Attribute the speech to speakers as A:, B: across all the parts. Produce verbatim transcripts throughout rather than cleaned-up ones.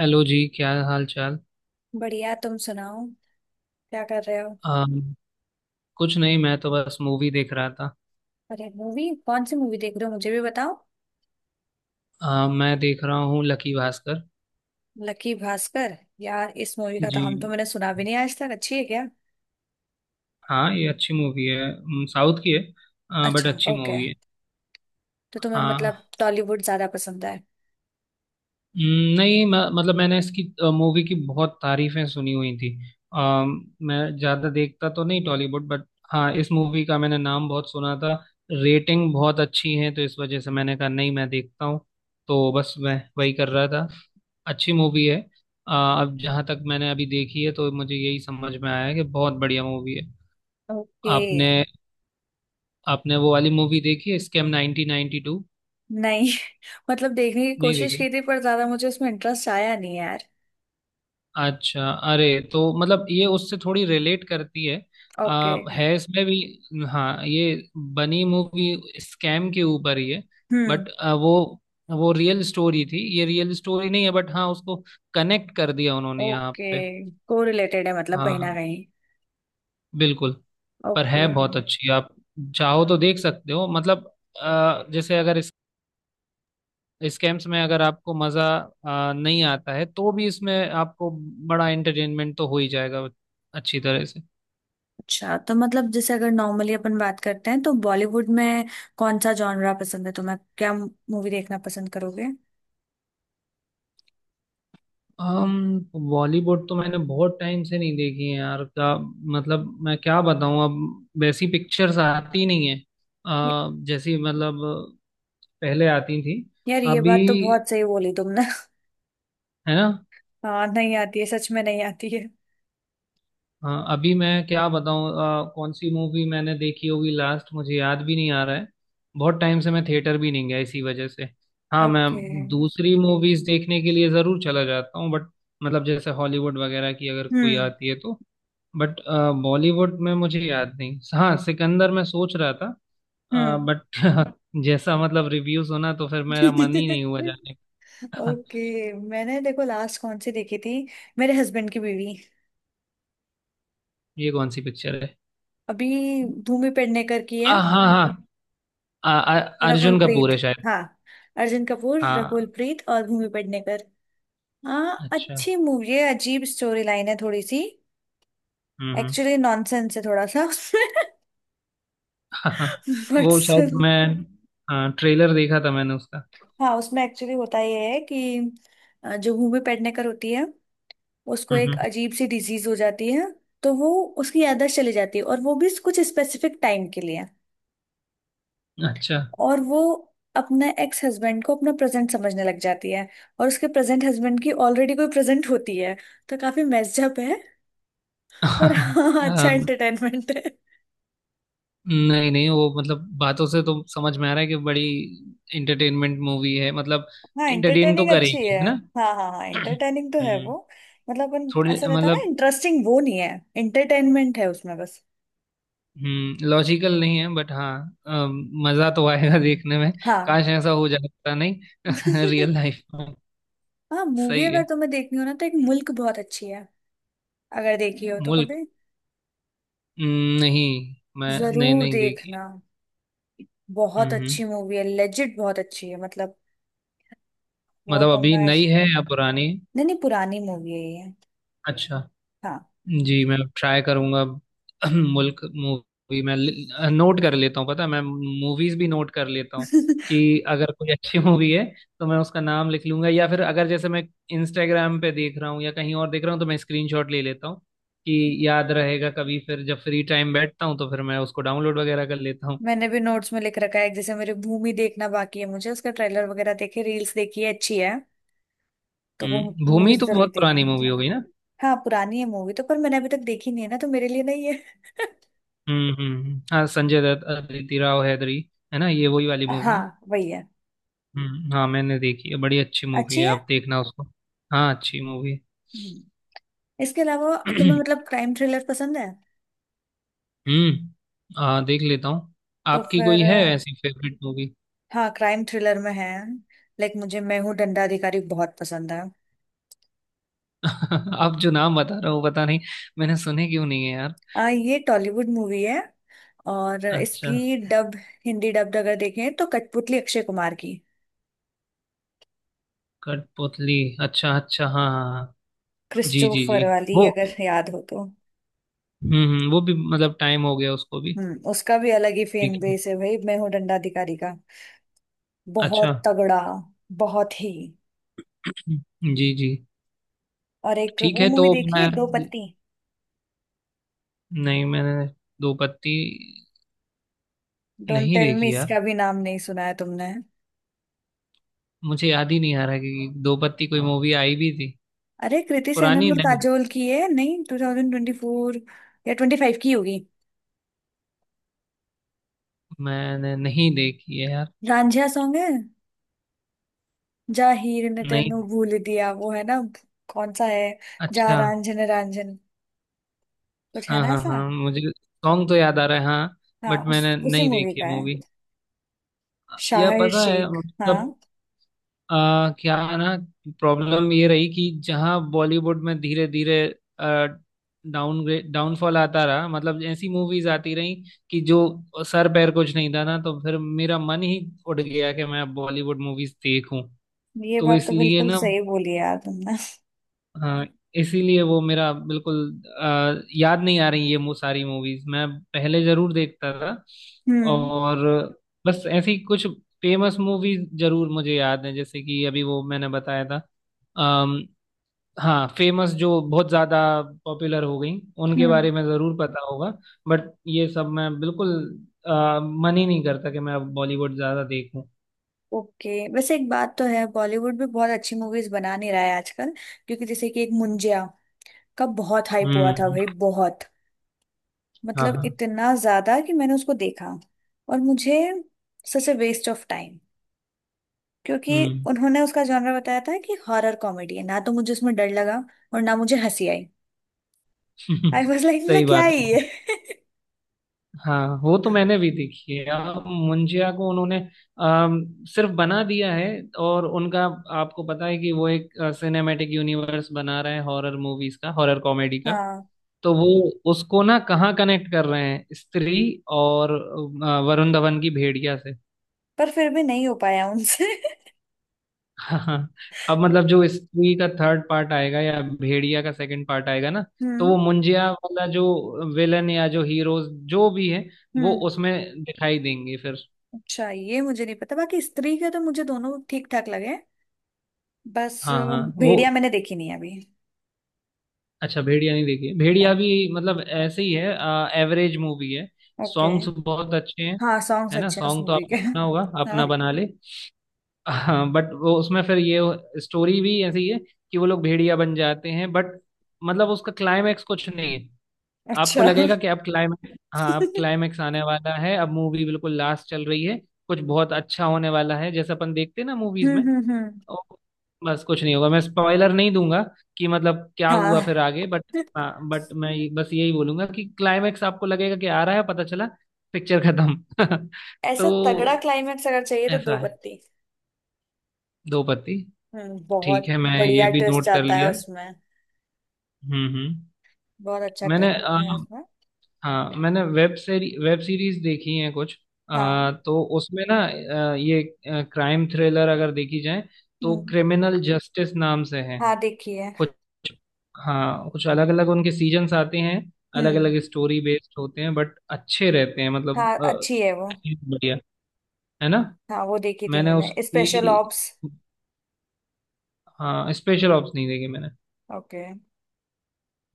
A: Hello जी, क्या हाल चाल।
B: बढ़िया तुम सुनाओ। क्या कर रहे हो?
A: अम, कुछ नहीं, मैं तो बस मूवी देख रहा था।
B: अरे मूवी, कौन सी मूवी देख रहे हो मुझे भी बताओ।
A: अम, मैं देख रहा हूँ लकी भास्कर।
B: लकी भास्कर। यार इस मूवी का तो
A: जी,
B: हम तो मैंने सुना भी नहीं आज तक, अच्छी है क्या?
A: हाँ ये अच्छी मूवी है, अम, साउथ की है। बट
B: अच्छा
A: अच्छी
B: ओके।
A: मूवी है।
B: तो तुम्हें
A: हाँ
B: मतलब टॉलीवुड ज्यादा पसंद है?
A: अम, नहीं, म, मतलब मैंने इसकी मूवी की बहुत तारीफें सुनी हुई थी। अम, मैं ज़्यादा देखता तो नहीं टॉलीवुड, बट हाँ इस मूवी का मैंने नाम बहुत सुना था। रेटिंग बहुत अच्छी है तो इस वजह से मैंने कहा नहीं मैं देखता हूँ। तो बस मैं वही कर रहा था। अच्छी मूवी है। आ, अब जहाँ तक मैंने अभी देखी है तो मुझे यही समझ में आया है कि बहुत बढ़िया मूवी है।
B: ओके।
A: आपने, आपने वो वाली मूवी देखी है, स्कैम नाइन्टीन नाइन्टी टू?
B: नहीं मतलब देखने की
A: नहीं
B: कोशिश
A: देखी।
B: की थी पर ज्यादा मुझे उसमें इंटरेस्ट आया नहीं यार।
A: अच्छा, अरे, तो मतलब ये उससे थोड़ी रिलेट करती है।
B: ओके।
A: आ, है इसमें भी। हाँ ये बनी मूवी स्कैम के ऊपर ही है।
B: हम्म।
A: बट वो वो रियल स्टोरी थी, ये रियल स्टोरी नहीं है, बट हाँ उसको कनेक्ट कर दिया उन्होंने यहाँ
B: ओके।
A: पे।
B: को रिलेटेड है मतलब कहीं ना
A: हाँ,
B: कहीं।
A: बिल्कुल। पर
B: ओके।
A: है बहुत अच्छी, आप चाहो तो देख सकते हो मतलब। अ, जैसे अगर इस स्कैम्स में अगर आपको मज़ा अ, नहीं आता है तो भी इसमें आपको बड़ा एंटरटेनमेंट तो हो ही जाएगा, अच्छी तरह से।
B: अच्छा तो मतलब जैसे अगर नॉर्मली अपन बात करते हैं तो बॉलीवुड में कौन सा जॉनरा पसंद है तुम्हें, क्या मूवी देखना पसंद करोगे?
A: हम, बॉलीवुड तो मैंने बहुत टाइम से नहीं देखी है यार। क्या मतलब मैं क्या बताऊं, अब वैसी पिक्चर्स आती नहीं है,
B: ये-
A: अ, जैसी मतलब पहले आती थी।
B: यार ये
A: अभी,
B: बात तो बहुत सही बोली तुमने।
A: है ना।
B: हाँ नहीं आती है, सच में नहीं आती है।
A: हाँ, अभी मैं क्या बताऊँ, अ, कौन सी मूवी मैंने देखी होगी लास्ट, मुझे याद भी नहीं आ रहा है। बहुत टाइम से मैं थिएटर भी नहीं गया इसी वजह से। हाँ, मैं
B: ओके।
A: दूसरी मूवीज देखने के लिए ज़रूर चला जाता हूँ, बट मतलब जैसे हॉलीवुड वगैरह की अगर कोई
B: हम्म।
A: आती है तो, बट बॉलीवुड में मुझे याद नहीं। हाँ, सिकंदर मैं सोच रहा था,
B: हम्म।
A: बट जैसा मतलब रिव्यू सुना तो फिर मेरा मन ही नहीं हुआ जाने का।
B: ओके मैंने देखो लास्ट कौन सी देखी थी, मेरे हस्बैंड की बीवी।
A: ये कौन सी पिक्चर है?
B: अभी भूमि पेडनेकर की है,
A: आ, हाँ हाँ, आ, आ,
B: रकुल
A: अर्जुन
B: प्रीत।
A: कपूर है शायद।
B: हाँ अर्जुन कपूर, रकुल
A: हाँ।
B: प्रीत और भूमि पेडनेकर। हाँ
A: अच्छा।
B: अच्छी मूवी है, अजीब स्टोरी लाइन है थोड़ी सी।
A: हम्म।
B: एक्चुअली नॉनसेंस है थोड़ा सा।
A: हम्म।
B: बट
A: वो शायद मैं, हाँ ट्रेलर देखा था मैंने उसका।
B: हाँ, उसमें एक्चुअली होता ये है कि अ, जो भूमि पेडनेकर होती है उसको
A: हम्म।
B: एक
A: हम्म।
B: अजीब सी डिजीज हो जाती है। तो वो, उसकी याददाश्त चली जाती है और वो भी कुछ स्पेसिफिक टाइम के लिए।
A: अच्छा।
B: और वो अपने एक्स हस्बैंड को अपना प्रेजेंट समझने लग जाती है, और उसके प्रेजेंट हस्बैंड की ऑलरेडी कोई प्रेजेंट होती है। तो काफी मेस्ड अप है। पर हाँ हाँ, अच्छा
A: हाँ।
B: एंटरटेनमेंट।
A: नहीं नहीं, वो मतलब बातों से तो समझ में आ रहा है कि बड़ी एंटरटेनमेंट मूवी है मतलब।
B: हाँ
A: एंटरटेन तो
B: इंटरटेनिंग अच्छी
A: करेगी,
B: है।
A: है ना।
B: हाँ हाँ हाँ, इंटरटेनिंग तो है
A: हम्म।
B: वो। मतलब अपन
A: थोड़े
B: ऐसा रहता है ना,
A: मतलब,
B: इंटरेस्टिंग वो नहीं है। इंटरटेनमेंट है उसमें बस।
A: हम्म लॉजिकल नहीं है, बट हाँ, अम, मजा तो आएगा देखने में।
B: हाँ।
A: काश ऐसा हो जाता, नहीं रियल लाइफ में।
B: हाँ मूवी
A: सही
B: अगर
A: है।
B: तुम्हें देखनी हो ना तो एक मुल्क बहुत अच्छी है, अगर देखी हो तो
A: मुल्क,
B: कभी।
A: हम्म, नहीं मैं, नहीं
B: जरूर
A: नहीं देखी।
B: देखना, बहुत
A: हम्म।
B: अच्छी मूवी है, लेजिट बहुत अच्छी है मतलब। वो
A: मतलब
B: तो
A: अभी
B: मैं।
A: नई है या पुरानी?
B: नहीं नहीं, पुरानी मूवी है ये।
A: अच्छा।
B: हाँ।
A: जी, मैं ट्राई करूंगा। मुल्क मूवी मैं नोट कर लेता हूँ। पता है, मैं मूवीज भी नोट कर लेता हूँ कि अगर कोई अच्छी मूवी है तो मैं उसका नाम लिख लूंगा, या फिर अगर जैसे मैं इंस्टाग्राम पे देख रहा हूँ या कहीं और देख रहा हूँ तो मैं स्क्रीनशॉट ले लेता हूँ कि याद रहेगा, कभी फिर जब फ्री टाइम बैठता हूँ तो फिर मैं उसको डाउनलोड वगैरह कर लेता हूँ।
B: मैंने भी नोट्स में लिख रखा है, जैसे मेरी भूमि देखना बाकी है, मुझे उसका ट्रेलर वगैरह देखे, रील्स देखी है, अच्छी है। तो वो
A: हम्म, भूमि
B: मूवीज
A: तो
B: जरूर
A: बहुत पुरानी
B: देखनी।
A: मूवी हो गई ना।
B: हाँ पुरानी है मूवी तो, पर मैंने अभी तक देखी नहीं है ना, तो मेरे लिए नहीं है।
A: हम्म हम्म हम्म। हाँ, संजय दत्त, अदिति राव हैदरी, है ना, ये वही वाली मूवी है।
B: हाँ वही है।
A: हम्म हाँ, मैंने देखी है, बड़ी अच्छी मूवी
B: अच्छी
A: है,
B: है।
A: आप देखना उसको। हाँ, अच्छी मूवी।
B: हम्म। इसके अलावा तुम्हें मतलब क्राइम थ्रिलर पसंद है?
A: हम्म। हाँ, देख लेता हूँ।
B: तो
A: आपकी
B: फिर
A: कोई है
B: अ,
A: ऐसी फेवरेट मूवी?
B: हाँ क्राइम थ्रिलर में है, लाइक मुझे मैं हूँ दंडाधिकारी बहुत पसंद है।
A: आप जो नाम बता रहे हो पता नहीं मैंने सुने क्यों नहीं है यार।
B: आ, ये टॉलीवुड मूवी है, और
A: अच्छा।
B: इसकी डब, हिंदी डब अगर देखें तो कठपुतली, अक्षय कुमार की।
A: कठपुतली? अच्छा अच्छा, हाँ हाँ हाँ। जी जी जी।
B: क्रिस्टोफर वाली
A: वो,
B: अगर याद हो तो।
A: हम्म हम्म, वो भी मतलब टाइम हो गया उसको भी।
B: हम्म उसका भी अलग ही
A: ठीक
B: फैन
A: है।
B: बेस है भाई, मैं हूँ दंडाधिकारी का
A: अच्छा।
B: बहुत तगड़ा, बहुत ही।
A: हम्म, जी जी।
B: और एक
A: ठीक
B: वो
A: है,
B: मूवी
A: तो
B: देखी है,
A: मैं,
B: दो पत्ती।
A: नहीं मैंने दो पत्ती
B: डोंट
A: नहीं
B: टेल मी
A: देखी यार।
B: इसका भी नाम नहीं सुना है तुमने।
A: मुझे याद ही नहीं आ रहा कि दो पत्ती कोई मूवी आई भी थी।
B: अरे कृति सेनन
A: पुरानी?
B: और
A: नहीं
B: काजोल की है, नहीं ट्वेंटी ट्वेंटी फ़ोर या ट्वेंटी फ़ाइव की होगी।
A: मैंने नहीं देखी है यार।
B: रांझा सॉन्ग है, जा हीर ने
A: नहीं।
B: तेनू भूल दिया, वो है ना। कौन सा है, जा
A: अच्छा।
B: रांझन रांझन, कुछ है
A: हाँ
B: ना
A: हाँ
B: ऐसा।
A: हाँ, मुझे सॉन्ग तो याद आ रहा है हाँ।
B: हाँ
A: बट
B: उस
A: मैंने
B: उसी
A: नहीं
B: मूवी
A: देखी
B: का
A: है
B: है,
A: मूवी। यह
B: शाहिर
A: पता है
B: शेख। हाँ
A: मतलब, आ, क्या है ना, प्रॉब्लम ये रही कि जहाँ बॉलीवुड में धीरे धीरे डाउनग्रेड, डाउनफॉल आता रहा, मतलब ऐसी मूवीज आती रही कि जो सर पैर कुछ नहीं था ना, तो फिर मेरा मन ही उठ गया कि मैं बॉलीवुड मूवीज देखूं।
B: ये
A: तो
B: बात तो
A: इसलिए
B: बिल्कुल
A: ना,
B: सही बोली यार तुमने।
A: हाँ, इसीलिए वो मेरा बिल्कुल, अ, याद नहीं आ रही ये मु सारी मूवीज, मैं पहले जरूर देखता था।
B: हम्म।
A: और बस ऐसी कुछ फेमस मूवीज जरूर मुझे याद है, जैसे कि अभी वो मैंने बताया था। अम, हाँ, फेमस जो बहुत ज्यादा पॉपुलर हो गई, उनके
B: हम्म।
A: बारे में जरूर पता होगा। बट ये सब मैं बिल्कुल, अ, मन ही नहीं करता कि मैं अब बॉलीवुड ज्यादा देखूं।
B: ओके वैसे एक बात तो है, बॉलीवुड भी बहुत अच्छी मूवीज बना नहीं रहा है आजकल। क्योंकि जैसे कि एक मुंजिया का बहुत हाइप हुआ था
A: हम्म।
B: भाई, बहुत।
A: हाँ
B: मतलब
A: हाँ।
B: इतना ज्यादा कि मैंने उसको देखा और मुझे, such a waste of time. क्योंकि
A: हम्म।
B: उन्होंने उसका जॉनर बताया था कि हॉरर कॉमेडी है, ना तो मुझे उसमें डर लगा और ना मुझे हंसी आई। आई वाज लाइक मतलब
A: सही
B: क्या
A: बात
B: है
A: है।
B: ये।
A: हाँ, वो तो मैंने भी देखी है। अब मुंजिया को उन्होंने अम, सिर्फ बना दिया है। और उनका, आपको पता है कि वो एक सिनेमैटिक यूनिवर्स बना रहे हैं हॉरर मूवीज का, हॉरर कॉमेडी का।
B: हाँ
A: तो वो उसको ना कहाँ कनेक्ट कर रहे हैं, स्त्री और अ, वरुण धवन की भेड़िया से।
B: पर फिर भी नहीं हो पाया उनसे।
A: हाँ। अब मतलब जो स्त्री का थर्ड पार्ट आएगा या भेड़िया का सेकंड पार्ट आएगा ना, तो
B: हम्म।
A: वो मुंजिया वाला जो विलन या जो हीरोज जो भी है, वो
B: हम्म
A: उसमें दिखाई देंगे फिर।
B: अच्छा ये मुझे नहीं पता। बाकी स्त्री के तो मुझे दोनों ठीक ठाक लगे, बस अ,
A: हाँ हाँ वो,
B: भेड़िया मैंने देखी नहीं है अभी।
A: अच्छा भेड़िया नहीं देखी है।
B: नहीं।
A: भेड़िया भी मतलब ऐसे ही है, एवरेज मूवी है।
B: ओके।
A: सॉन्ग्स बहुत अच्छे हैं।
B: हाँ सॉन्ग्स
A: है ना,
B: अच्छे हैं उस
A: सॉन्ग तो
B: मूवी
A: आपने
B: के।
A: सुना होगा, अपना
B: हाँ।
A: बना ले। हाँ, बट वो उसमें फिर ये स्टोरी भी ऐसी है कि वो लोग भेड़िया बन जाते हैं, बट मतलब उसका क्लाइमैक्स कुछ नहीं है। आपको
B: अच्छा।
A: लगेगा कि अब क्लाइमैक्स, हाँ अब
B: हम्म।
A: क्लाइमैक्स आने वाला है, अब मूवी बिल्कुल लास्ट चल रही है, कुछ बहुत अच्छा होने वाला है, जैसे अपन देखते हैं ना मूवीज में।
B: हम्म। हम्म।
A: ओ, बस कुछ नहीं होगा, मैं स्पॉइलर नहीं दूंगा कि मतलब क्या
B: हाँ
A: हुआ फिर आगे, बट हाँ, बट मैं ये- बस यही बोलूंगा कि क्लाइमेक्स आपको लगेगा कि आ रहा है, पता चला पिक्चर खत्म।
B: ऐसा तगड़ा
A: तो
B: क्लाइमेक्स अगर चाहिए तो दो
A: ऐसा है
B: पत्ती।
A: दो पत्ती।
B: हम्म।
A: ठीक
B: बहुत
A: है, मैं ये
B: बढ़िया
A: भी
B: ट्विस्ट
A: नोट कर
B: आता है
A: लिया।
B: उसमें,
A: हम्म हम्म।
B: बहुत अच्छा
A: मैंने
B: ट्विस्ट
A: अ,
B: है उसमें।
A: हाँ मैंने वेब सीरी वेब सीरीज देखी है कुछ, अ,
B: हाँ।
A: तो उसमें ना अ, ये क्राइम थ्रिलर अगर देखी जाए तो
B: हम्म।
A: क्रिमिनल जस्टिस नाम से है
B: हाँ देखी है।
A: कुछ। हाँ, कुछ अलग अलग उनके सीजन्स आते हैं, अलग
B: हम्म।
A: अलग स्टोरी बेस्ड होते हैं, बट अच्छे रहते हैं मतलब
B: हाँ
A: अ,
B: अच्छी है वो।
A: बढ़िया, है ना।
B: हाँ वो देखी थी
A: मैंने
B: मैंने, स्पेशल
A: उसकी,
B: ऑप्स।
A: हाँ स्पेशल ऑप्स नहीं देखी मैंने।
B: ओके।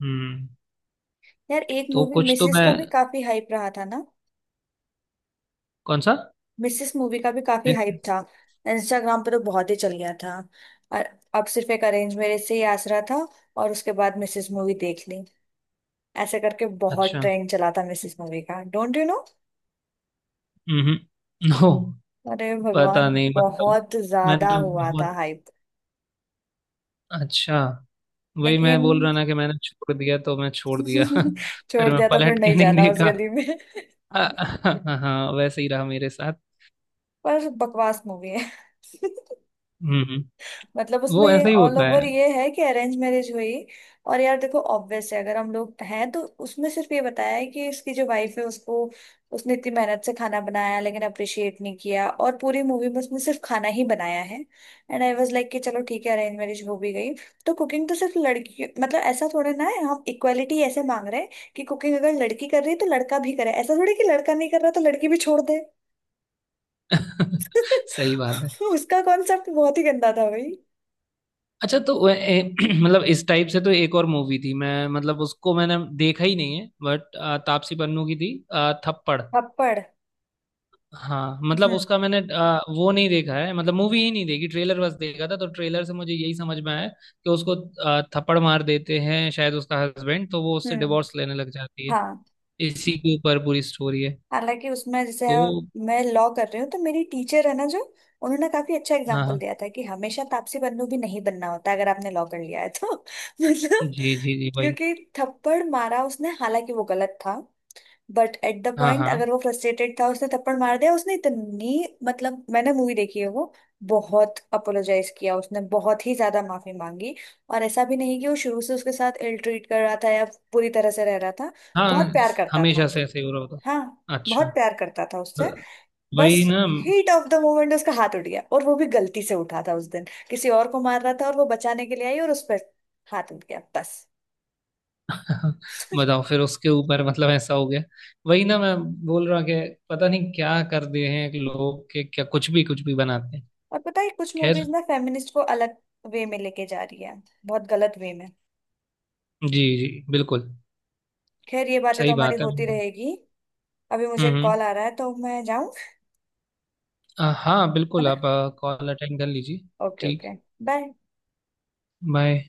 A: हम्म।
B: यार एक
A: तो
B: मूवी
A: कुछ तो
B: मिसेस
A: मैं,
B: का भी काफी हाइप रहा था ना।
A: कौन सा?
B: मिसेस मूवी का भी काफी हाइप
A: Princess?
B: था। इंस्टाग्राम पे तो बहुत ही चल गया था। और, अब सिर्फ एक अरेंज मैरिज से ही आसरा था, और उसके बाद मिसेस मूवी देख ली, ऐसे करके बहुत
A: अच्छा।
B: ट्रेंड चला था मिसेस मूवी का, don't you know.
A: Hmm. No.
B: अरे
A: पता
B: भगवान,
A: नहीं मतलब,
B: बहुत ज्यादा
A: मैंने,
B: हुआ था
A: बहुत,
B: हाइप।
A: अच्छा, वही
B: लेकिन।
A: मैं बोल रहा ना कि मैंने छोड़ दिया तो मैं छोड़ दिया,
B: छोड़
A: फिर मैं
B: दिया तो फिर
A: पलट के
B: नहीं
A: नहीं
B: जाना उस
A: देखा।
B: गली में।
A: हाँ हाँ, हाँ, वैसे ही रहा मेरे साथ।
B: पर बकवास मूवी है।
A: हम्म।
B: मतलब उसमें
A: वो
B: ये
A: ऐसा ही
B: ऑल
A: होता है।
B: ओवर ये है कि अरेंज मैरिज हुई, और यार देखो ऑब्वियस है, अगर हम लोग हैं तो उसमें सिर्फ ये बताया है कि इसकी जो वाइफ है उसको, उसने इतनी मेहनत से खाना बनाया लेकिन अप्रिशिएट नहीं किया, और पूरी मूवी में उसने सिर्फ खाना ही बनाया है। एंड आई वाज लाइक कि चलो ठीक है अरेंज मैरिज हो भी गई, तो कुकिंग तो सिर्फ लड़की, मतलब ऐसा थोड़ा ना है, हम इक्वालिटी ऐसे मांग रहे हैं कि कुकिंग अगर लड़की कर रही है तो लड़का भी करे, ऐसा थोड़ी कि लड़का नहीं कर रहा तो लड़की भी छोड़ दे।
A: सही बात है।
B: उसका कॉन्सेप्ट बहुत ही गंदा था भाई।
A: अच्छा, तो वो ए, मतलब इस टाइप से तो एक और मूवी थी, मैं मतलब उसको मैंने देखा ही नहीं है बट तापसी पन्नू की थी, अ, थप्पड़।
B: थप्पड़।
A: हाँ, मतलब
B: हम्म।
A: उसका मैंने अ, वो नहीं देखा है, मतलब मूवी ही नहीं देखी, ट्रेलर बस देखा था, तो ट्रेलर से मुझे यही समझ में आया कि उसको अ, थप्पड़ मार देते हैं शायद उसका हस्बैंड, तो वो उससे
B: हम्म।
A: डिवोर्स लेने लग जाती है,
B: हाँ।
A: इसी के ऊपर पूरी स्टोरी है।
B: हालांकि उसमें जैसे,
A: तो
B: मैं लॉ कर रही हूँ तो मेरी टीचर है ना जो, उन्होंने काफी अच्छा
A: हाँ
B: एग्जाम्पल
A: हाँ,
B: दिया था कि हमेशा तापसी पन्नू भी नहीं बनना होता अगर आपने लॉ कर लिया है तो। मतलब
A: जी जी जी भाई।
B: क्योंकि, थप्पड़ मारा उसने, हालांकि वो गलत था, बट एट द
A: हाँ
B: पॉइंट
A: हाँ
B: अगर वो फ्रस्ट्रेटेड था उसने थप्पड़ मार दिया उसने इतनी, मतलब मैंने मूवी देखी है वो, बहुत अपोलोजाइज किया उसने, बहुत ही ज्यादा माफी मांगी, और ऐसा भी नहीं कि वो शुरू से उसके साथ इल ट्रीट कर रहा था या पूरी तरह से रह रहा था। बहुत
A: हाँ,
B: प्यार करता था।
A: हमेशा से ऐसे ही हो रहा
B: हाँ
A: होता। अच्छा,
B: बहुत प्यार करता था उससे।
A: ब- वही
B: बस,
A: ना।
B: हीट ऑफ द मोमेंट उसका हाथ उठ गया, और वो भी गलती से उठा था उस दिन, किसी और को मार रहा था और वो बचाने के लिए आई और उस पर हाथ उठ गया, बस।
A: बताओ, फिर उसके ऊपर मतलब ऐसा हो गया। वही ना मैं बोल रहा कि पता नहीं क्या कर दिए हैं कि लोग के क्या, कुछ भी कुछ भी बनाते हैं।
B: और पता है कुछ
A: खैर,
B: मूवीज ना फेमिनिस्ट को अलग वे में लेके जा रही है, बहुत गलत वे में।
A: जी जी बिल्कुल।
B: खैर ये बातें तो
A: सही
B: हमारी
A: बात है।
B: होती
A: हम्म।
B: रहेगी। अभी मुझे
A: हम्म।
B: कॉल आ रहा है तो मैं जाऊं,
A: अ, हाँ
B: है
A: बिल्कुल,
B: ना?
A: आप कॉल अटेंड कर लीजिए।
B: ओके
A: ठीक।
B: ओके। बाय।
A: बाय।